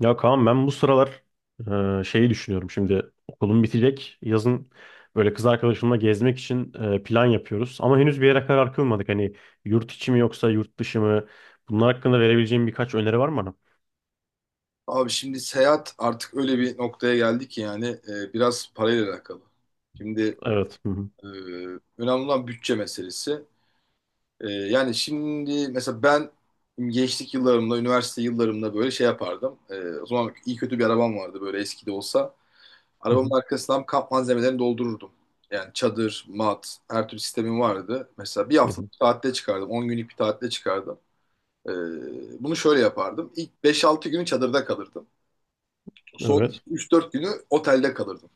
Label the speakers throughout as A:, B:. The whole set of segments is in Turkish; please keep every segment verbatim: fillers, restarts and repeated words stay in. A: Ya Kaan, ben bu sıralar e, şeyi düşünüyorum. Şimdi okulum bitecek. Yazın böyle kız arkadaşımla gezmek için e, plan yapıyoruz. Ama henüz bir yere karar kılmadık. Hani, yurt içi mi yoksa yurt dışı mı? Bunlar hakkında verebileceğim birkaç öneri var mı bana?
B: Abi şimdi seyahat artık öyle bir noktaya geldi ki yani e, biraz parayla alakalı. Şimdi
A: Evet. Hı hı.
B: e, önemli olan bütçe meselesi. E, yani şimdi mesela ben gençlik yıllarımda, üniversite yıllarımda böyle şey yapardım. E, o zaman iyi kötü bir arabam vardı böyle eski de olsa.
A: Hı
B: Arabamın
A: hı.
B: arkasından kamp malzemelerini doldururdum. Yani çadır, mat, her türlü sistemim vardı. Mesela bir
A: Hı hı.
B: haftalık bir tatile çıkardım, on günlük bir tatile çıkardım. E, Bunu şöyle yapardım. İlk beş altı günü çadırda kalırdım. Son
A: Evet.
B: üç dört günü otelde kalırdım.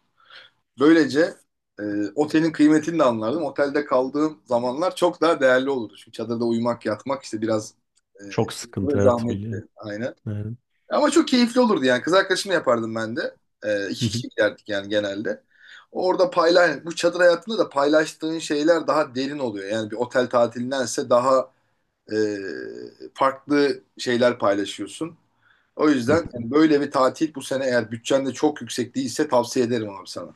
B: Böylece e, otelin kıymetini de anlardım. Otelde kaldığım zamanlar çok daha değerli olurdu. Çünkü çadırda uyumak, yatmak işte biraz e,
A: Çok sıkıntı,
B: böyle
A: evet,
B: zahmetli.
A: biliyorum.
B: Aynen.
A: Evet.
B: Ama çok keyifli olurdu yani. Kız arkadaşımla yapardım ben de. E,
A: Hı
B: iki
A: hı.
B: kişi giderdik yani genelde. Orada paylaş, bu çadır hayatında da paylaştığın şeyler daha derin oluyor. Yani bir otel tatilindense daha e, farklı şeyler paylaşıyorsun. O
A: Hı.
B: yüzden yani böyle bir tatil bu sene eğer bütçen de çok yüksek değilse tavsiye ederim abi sana.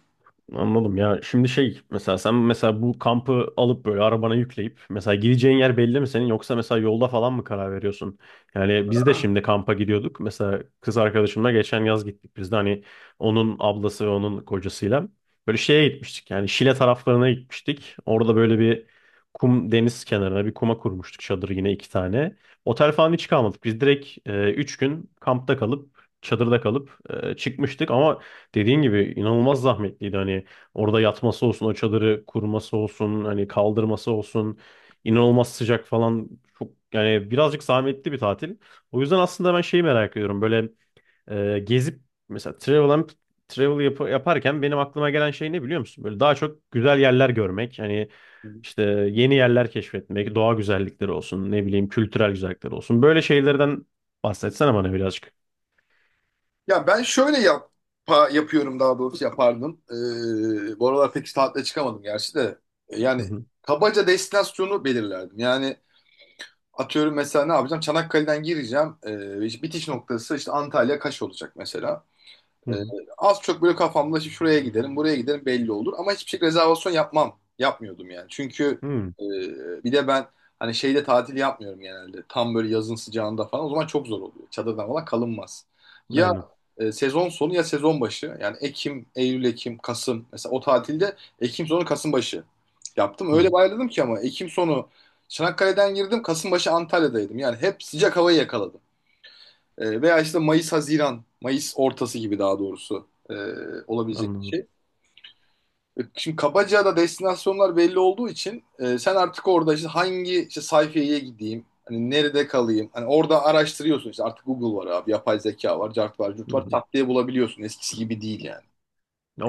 A: Anladım ya. Şimdi şey, mesela sen mesela bu kampı alıp böyle arabana yükleyip mesela gideceğin yer belli mi senin, yoksa mesela yolda falan mı karar veriyorsun? Yani biz de şimdi kampa gidiyorduk. Mesela kız arkadaşımla geçen yaz gittik biz de, hani onun ablası ve onun kocasıyla. Böyle şeye gitmiştik yani, Şile taraflarına gitmiştik. Orada böyle bir kum, deniz kenarına bir kuma kurmuştuk çadır, yine iki tane. Otel falan hiç kalmadık. Biz direkt e, üç gün kampta kalıp, çadırda kalıp e, çıkmıştık ama dediğin gibi inanılmaz zahmetliydi. Hani orada yatması olsun, o çadırı kurması olsun, hani kaldırması olsun, inanılmaz sıcak falan. Çok yani, birazcık zahmetli bir tatil. O yüzden aslında ben şeyi merak ediyorum. Böyle e, gezip, mesela travel and- travel yap- yaparken benim aklıma gelen şey ne, biliyor musun? Böyle daha çok güzel yerler görmek. Hani, işte yeni yerler keşfetmek, doğa güzellikleri olsun, ne bileyim, kültürel güzellikler olsun. Böyle şeylerden bahsetsene bana birazcık.
B: Ya ben şöyle yap pa- yapıyorum daha doğrusu yapardım. Ee, bu aralar pek tatile çıkamadım gerçi de. Ee,
A: Hı
B: Yani
A: hı.
B: kabaca destinasyonu belirlerdim. Yani atıyorum mesela ne yapacağım? Çanakkale'den gireceğim. Ee, işte bitiş noktası işte Antalya Kaş olacak mesela.
A: Hı
B: Ee,
A: hı.
B: Az çok böyle kafamda işte şuraya gidelim, buraya gidelim belli olur. Ama hiçbir şey rezervasyon yapmam. Yapmıyordum yani. Çünkü
A: Hı.
B: e, bir de ben hani şeyde tatil yapmıyorum genelde. Tam böyle yazın sıcağında falan. O zaman çok zor oluyor. Çadırdan falan kalınmaz. Ya
A: Aynen.
B: e, sezon sonu ya sezon başı. Yani Ekim, Eylül, Ekim, Kasım. Mesela o tatilde Ekim sonu, Kasım başı yaptım. Öyle
A: Hı.
B: bayladım ki ama Ekim sonu Çanakkale'den girdim. Kasım başı Antalya'daydım. Yani hep sıcak havayı yakaladım. E, veya işte Mayıs-Haziran, Mayıs ortası gibi daha doğrusu e, olabilecek bir
A: Anladım.
B: şey. E, Şimdi kabaca da destinasyonlar belli olduğu için e, sen artık orada işte hangi işte sayfaya gideyim, hani nerede kalayım, hani orada araştırıyorsun işte artık Google var abi, yapay zeka var, cart var, curt
A: Hı
B: var,
A: hı.
B: tak diye bulabiliyorsun eskisi gibi değil yani.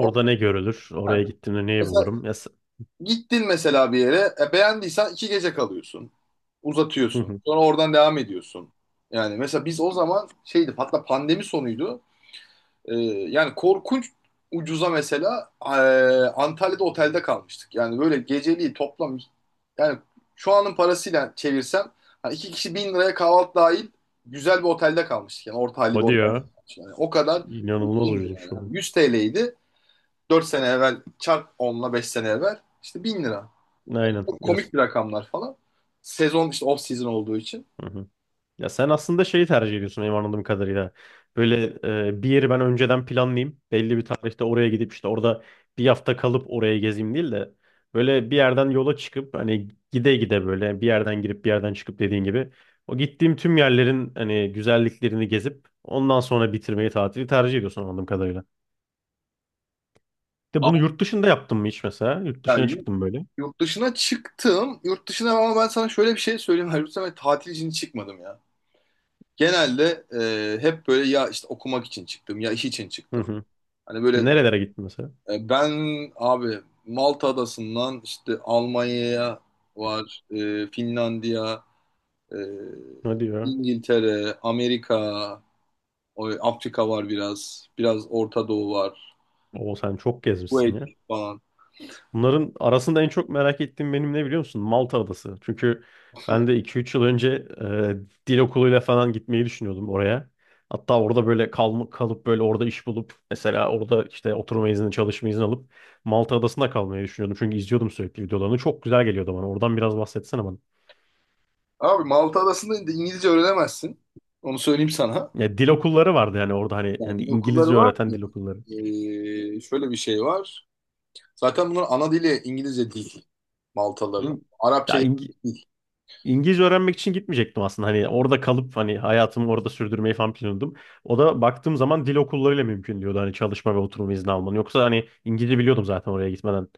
B: O-
A: ne görülür? Oraya
B: ha.
A: gittiğimde neyi
B: Mesela
A: bulurum? Ya, s-
B: gittin mesela bir yere, e, beğendiysen iki gece kalıyorsun,
A: hı
B: uzatıyorsun,
A: hı.
B: sonra oradan devam ediyorsun. Yani mesela biz o zaman şeydi, hatta pandemi sonuydu. Ee, Yani korkunç ucuza mesela e, Antalya'da otelde kalmıştık. Yani böyle geceliği toplam yani şu anın parasıyla çevirsem hani iki kişi bin liraya kahvaltı dahil güzel bir otelde kalmıştık. Yani orta halli bir
A: Hadi
B: otel.
A: ya.
B: Düşün. Yani o kadar
A: İnanılmaz
B: uygundu
A: ucuzmuş
B: yani.
A: şu
B: Hani
A: an.
B: yüz T L'ydi dört sene evvel çarp onla beş sene evvel işte bin lira.
A: Aynen.
B: Çok
A: Ya, s-
B: komik bir rakamlar falan. Sezon işte off season olduğu için.
A: hı hı. Ya sen aslında şeyi tercih ediyorsun benim anladığım kadarıyla. Böyle e, bir yeri ben önceden planlayayım. Belli bir tarihte oraya gidip işte orada bir hafta kalıp oraya gezeyim değil de, böyle bir yerden yola çıkıp hani gide gide, böyle bir yerden girip bir yerden çıkıp, dediğin gibi o gittiğim tüm yerlerin hani güzelliklerini gezip ondan sonra bitirmeyi, tatili tercih ediyorsun anladığım kadarıyla. De, bunu
B: Ama
A: yurt dışında yaptın mı hiç mesela? Yurt
B: ya
A: dışına
B: yurt
A: çıktın böyle.
B: yurt dışına çıktım. Yurt dışına ama ben sana şöyle bir şey söyleyeyim. Halbuki ben tatil için çıkmadım ya. Genelde e, hep böyle ya işte okumak için çıktım ya iş için
A: Hı
B: çıktım.
A: hı.
B: Hani böyle
A: Nerelere gittin mesela?
B: e, ben abi Malta Adası'ndan işte Almanya'ya var, e, Finlandiya, e,
A: Hadi ya.
B: İngiltere, Amerika, o- Afrika var biraz, biraz Orta Doğu var,
A: O sen çok gezmişsin
B: Kuveyt
A: ya.
B: falan.
A: Bunların arasında en çok merak ettiğim benim ne, biliyor musun? Malta Adası. Çünkü ben de iki üç yıl önce e, dil okuluyla falan gitmeyi düşünüyordum oraya. Hatta orada böyle kal kalıp böyle orada iş bulup mesela orada işte oturma izni, çalışma izni alıp Malta Adası'nda kalmayı düşünüyordum. Çünkü izliyordum sürekli videolarını. Çok güzel geliyordu bana. Oradan biraz bahsetsene bana.
B: Abi Malta Adası'nda İngilizce öğrenemezsin. Onu söyleyeyim sana.
A: Ya, dil okulları vardı yani orada, hani hani
B: Yani
A: İngilizce
B: okulları var
A: öğreten
B: mı?
A: dil okulları.
B: E, şöyle bir şey var. Zaten bunlar ana dili İngilizce değil Maltaların.
A: Hı.
B: Arapça
A: Ya İngi-
B: değil.
A: İngilizce öğrenmek için gitmeyecektim aslında. Hani orada kalıp hani hayatımı orada sürdürmeyi falan planladım. O da baktığım zaman dil okullarıyla mümkün diyordu, hani çalışma ve oturum izni almanı. Yoksa hani İngilizce biliyordum zaten oraya gitmeden.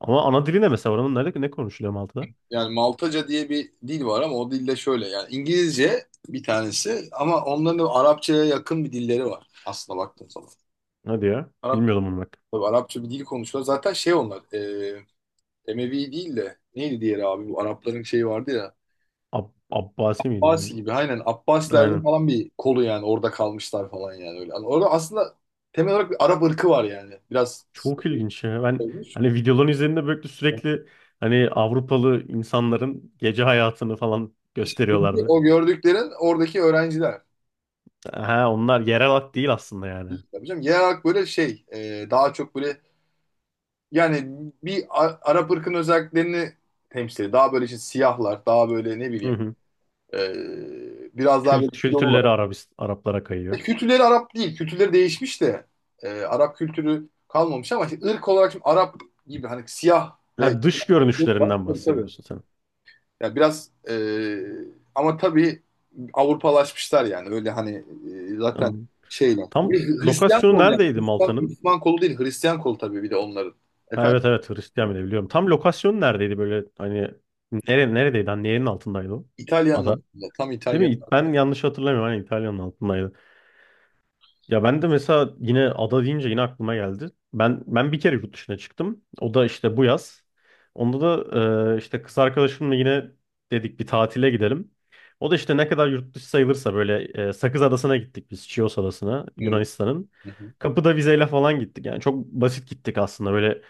A: Ama ana dili ne mesela oranın, nerede ne konuşuluyor Malta'da?
B: Yani Maltaca diye bir dil var ama o dilde şöyle yani İngilizce bir tanesi ama onların da Arapçaya yakın bir dilleri var aslında baktığın zaman.
A: Hadi ya.
B: Arap,
A: Bilmiyordum bunu bak.
B: tabii Arapça bir dil konuşuyorlar. Zaten şey onlar e, Emevi değil de neydi diğeri abi bu Arapların şeyi vardı ya.
A: Ab Abbasi miydi
B: Abbasi
A: neydi?
B: gibi aynen Abbasilerden
A: Aynen.
B: falan bir kolu yani orada kalmışlar falan yani öyle. Yani orada aslında temel olarak bir Arap ırkı var yani. Biraz
A: Çok ilginç ya. Ben
B: olmuş.
A: hani videoların üzerinde böyle sürekli hani Avrupalı insanların gece hayatını falan
B: Çünkü
A: gösteriyorlardı.
B: o gördüklerin oradaki öğrenciler.
A: Ha, onlar yerel halk değil aslında yani.
B: Tabii canım, genel olarak böyle şey e, daha çok böyle yani bir A- Arap ırkının özelliklerini temsil ediyor. Daha böyle işte siyahlar, daha böyle ne
A: Hı
B: bileyim
A: hı.
B: e, biraz daha
A: Kült
B: böyle
A: kültürleri
B: kilolular.
A: Arabist, Araplara
B: E,
A: kayıyor.
B: Kültürleri Arap değil. Kültürleri değişmiş de e, Arap kültürü kalmamış ama işte ırk olarak şimdi Arap gibi hani siyah ve
A: Ha, dış
B: kilolular.
A: görünüşlerinden
B: Tabii tabii.
A: bahsediyorsun sen.
B: Ya biraz e, ama tabii Avrupalaşmışlar yani öyle hani e, zaten
A: Anladım.
B: şeyle.
A: Tam
B: Bir Hristiyan
A: lokasyonu
B: kol yani.
A: neredeydi
B: Hristiyan,
A: Malta'nın?
B: Müslüman kolu değil Hristiyan kolu tabii bir de onların.
A: Ha,
B: Efendim?
A: evet evet, Hristiyan bile biliyorum. Tam lokasyonu neredeydi böyle hani, nere, neredeydi? Hani yerin altındaydı o
B: İtalyanlar
A: ada.
B: aslında, tam
A: Değil mi?
B: İtalyanlar.
A: Ben yanlış hatırlamıyorum. Hani İtalya'nın altındaydı. Ya ben de mesela yine ada deyince yine aklıma geldi. Ben ben bir kere yurt dışına çıktım. O da işte bu yaz. Onda da e, işte kız arkadaşımla yine dedik bir tatile gidelim. O da işte ne kadar yurt dışı sayılırsa böyle e, Sakız Adası'na gittik biz. Chios Adası'na
B: Hı,
A: Yunanistan'ın.
B: hı, hı,
A: Kapıda vizeyle falan gittik. Yani çok basit gittik aslında. Böyle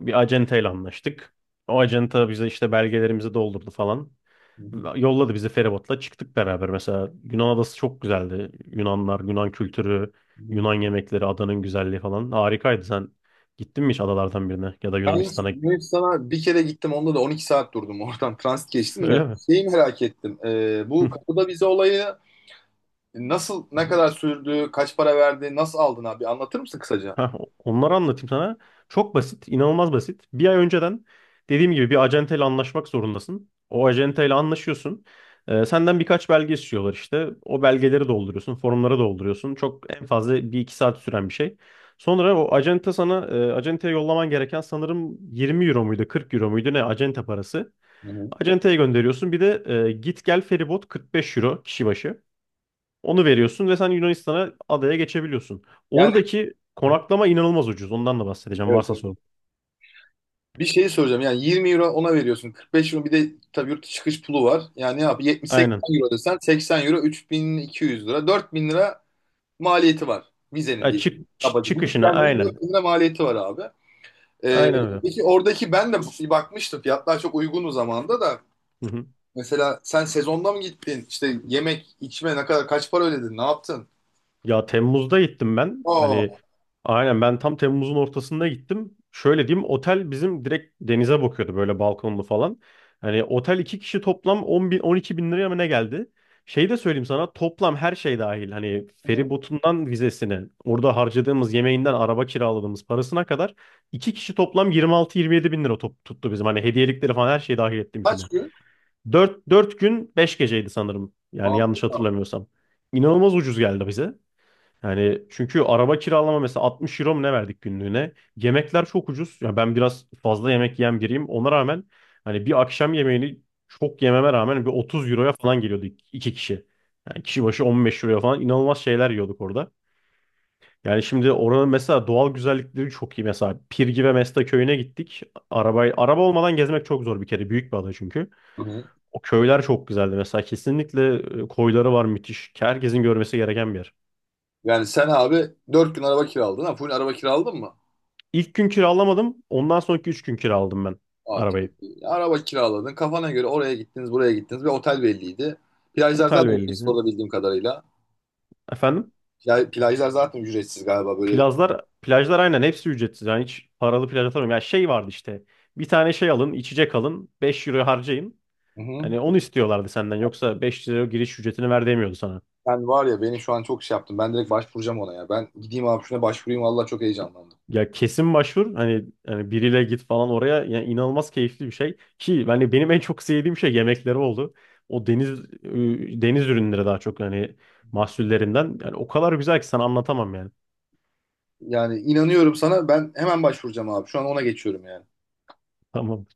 A: bir acenteyle anlaştık. O acenta bize işte belgelerimizi doldurdu falan.
B: hı,
A: Yolladı bizi, feribotla çıktık beraber mesela. Yunan adası çok güzeldi. Yunanlar, Yunan kültürü,
B: hı.
A: Yunan yemekleri, adanın güzelliği falan harikaydı. Sen gittin mi hiç adalardan birine ya da
B: Ben
A: Yunanistan'a?
B: Yunanistan'a bir kere gittim onda da on iki saat durdum oradan transit geçtim de
A: Öyle
B: şeyi merak ettim. E, bu
A: mi?
B: kapıda vize olayı nasıl, ne kadar sürdü, kaç para verdi, nasıl aldın abi, anlatır mısın kısaca?
A: Heh, onları anlatayım sana. Çok basit, inanılmaz basit. Bir ay önceden dediğim gibi bir acenteyle anlaşmak zorundasın. O acenteyle anlaşıyorsun. Ee, senden birkaç belge istiyorlar işte. O belgeleri dolduruyorsun, formları dolduruyorsun. Çok en fazla bir iki saat süren bir şey. Sonra o acente sana, e, acenteye yollaman gereken sanırım yirmi euro muydu, kırk euro muydu, ne acente parası.
B: Hı hı.
A: Acenteye gönderiyorsun. Bir de e, git gel feribot kırk beş euro kişi başı. Onu veriyorsun ve sen Yunanistan'a, adaya geçebiliyorsun.
B: Yani
A: Oradaki
B: aha,
A: konaklama inanılmaz ucuz. Ondan da bahsedeceğim
B: evet,
A: varsa
B: evet.
A: sorun.
B: Bir şey soracağım. Yani yirmi euro ona veriyorsun. kırk beş euro bir de tabii yurt dışı çıkış pulu var. Yani ne yap? yetmiş-80
A: Aynen.
B: euro desen seksen euro üç bin iki yüz lira. dört bin lira maliyeti var. Vizenin
A: Ay,
B: diye.
A: çık, çı-
B: Kabaca. Bu
A: çıkışına
B: gelmenin
A: aynen.
B: dört bin lira maliyeti var abi. Ee,
A: Aynen öyle.
B: peki oradaki, ben de bir bakmıştım. Fiyatlar çok uygun o zamanda da.
A: Hı hı.
B: Mesela sen sezonda mı gittin? İşte yemek, içme ne kadar, kaç para ödedin? Ne yaptın?
A: Ya Temmuz'da gittim ben.
B: Aa,
A: Hani, aynen ben tam Temmuz'un ortasında gittim. Şöyle diyeyim, otel bizim direkt denize bakıyordu, böyle balkonlu falan. Hani otel iki kişi toplam on bin on iki bin liraya mı ne geldi? Şey de söyleyeyim sana, toplam her şey dahil. Hani
B: hı,
A: feribotundan vizesine, orada harcadığımız yemeğinden, araba kiraladığımız parasına kadar iki kişi toplam yirmi altı yirmi yedi bin lira top, tuttu bizim. Hani hediyelikleri falan her şey dahil ettim içine.
B: kaç gün?
A: Dört dört gün beş geceydi sanırım. Yani yanlış
B: Aa,
A: hatırlamıyorsam. İnanılmaz ucuz geldi bize. Yani çünkü araba kiralama mesela altmış euro mu ne verdik günlüğüne? Yemekler çok ucuz. Ya ben biraz fazla yemek yiyen biriyim. Ona rağmen, hani bir akşam yemeğini çok yememe rağmen bir otuz euroya falan geliyordu ik- iki kişi. Yani kişi başı on beş euroya falan inanılmaz şeyler yiyorduk orada. Yani şimdi oranın mesela doğal güzellikleri çok iyi. Mesela Pirgi ve Mesta köyüne gittik. Arabayı, araba olmadan gezmek çok zor bir kere. Büyük bir ada çünkü.
B: hı hı.
A: O köyler çok güzeldi. Mesela kesinlikle e, koyları var müthiş. Herkesin görmesi gereken bir yer.
B: Yani sen abi dört gün araba kiraladın ha. Full araba kiraladın mı?
A: İlk gün kiralamadım. Ondan sonraki üç gün kiraladım ben
B: Aa, çok
A: arabayı.
B: iyi. Araba kiraladın. Kafana göre oraya gittiniz, buraya gittiniz. Bir otel belliydi. Plajlar
A: Otel
B: zaten ücretsiz
A: belliydi.
B: orada bildiğim kadarıyla.
A: Efendim?
B: Plaj- Plajlar zaten ücretsiz galiba böyle.
A: Plajlar, plajlar aynen hepsi ücretsiz. Yani hiç paralı plaj atamıyorum. Ya şey vardı işte. Bir tane şey alın, içecek alın. Beş euro harcayın.
B: Hı hı.
A: Hani onu istiyorlardı senden. Yoksa beş euro giriş ücretini ver demiyordu sana.
B: Ben var ya, beni şu an çok şey yaptım. Ben direkt başvuracağım ona ya. Ben gideyim abi şuna başvurayım. Vallahi çok heyecanlandım.
A: Ya kesin başvur. Hani, hani biriyle git falan oraya. Yani inanılmaz keyifli bir şey. Ki yani benim en çok sevdiğim şey yemekleri oldu. O deniz e, deniz ürünleri daha çok, hani mahsullerinden. Yani o kadar güzel ki sana anlatamam yani.
B: Yani inanıyorum sana. Ben hemen başvuracağım abi. Şu an ona geçiyorum yani.
A: Tamam.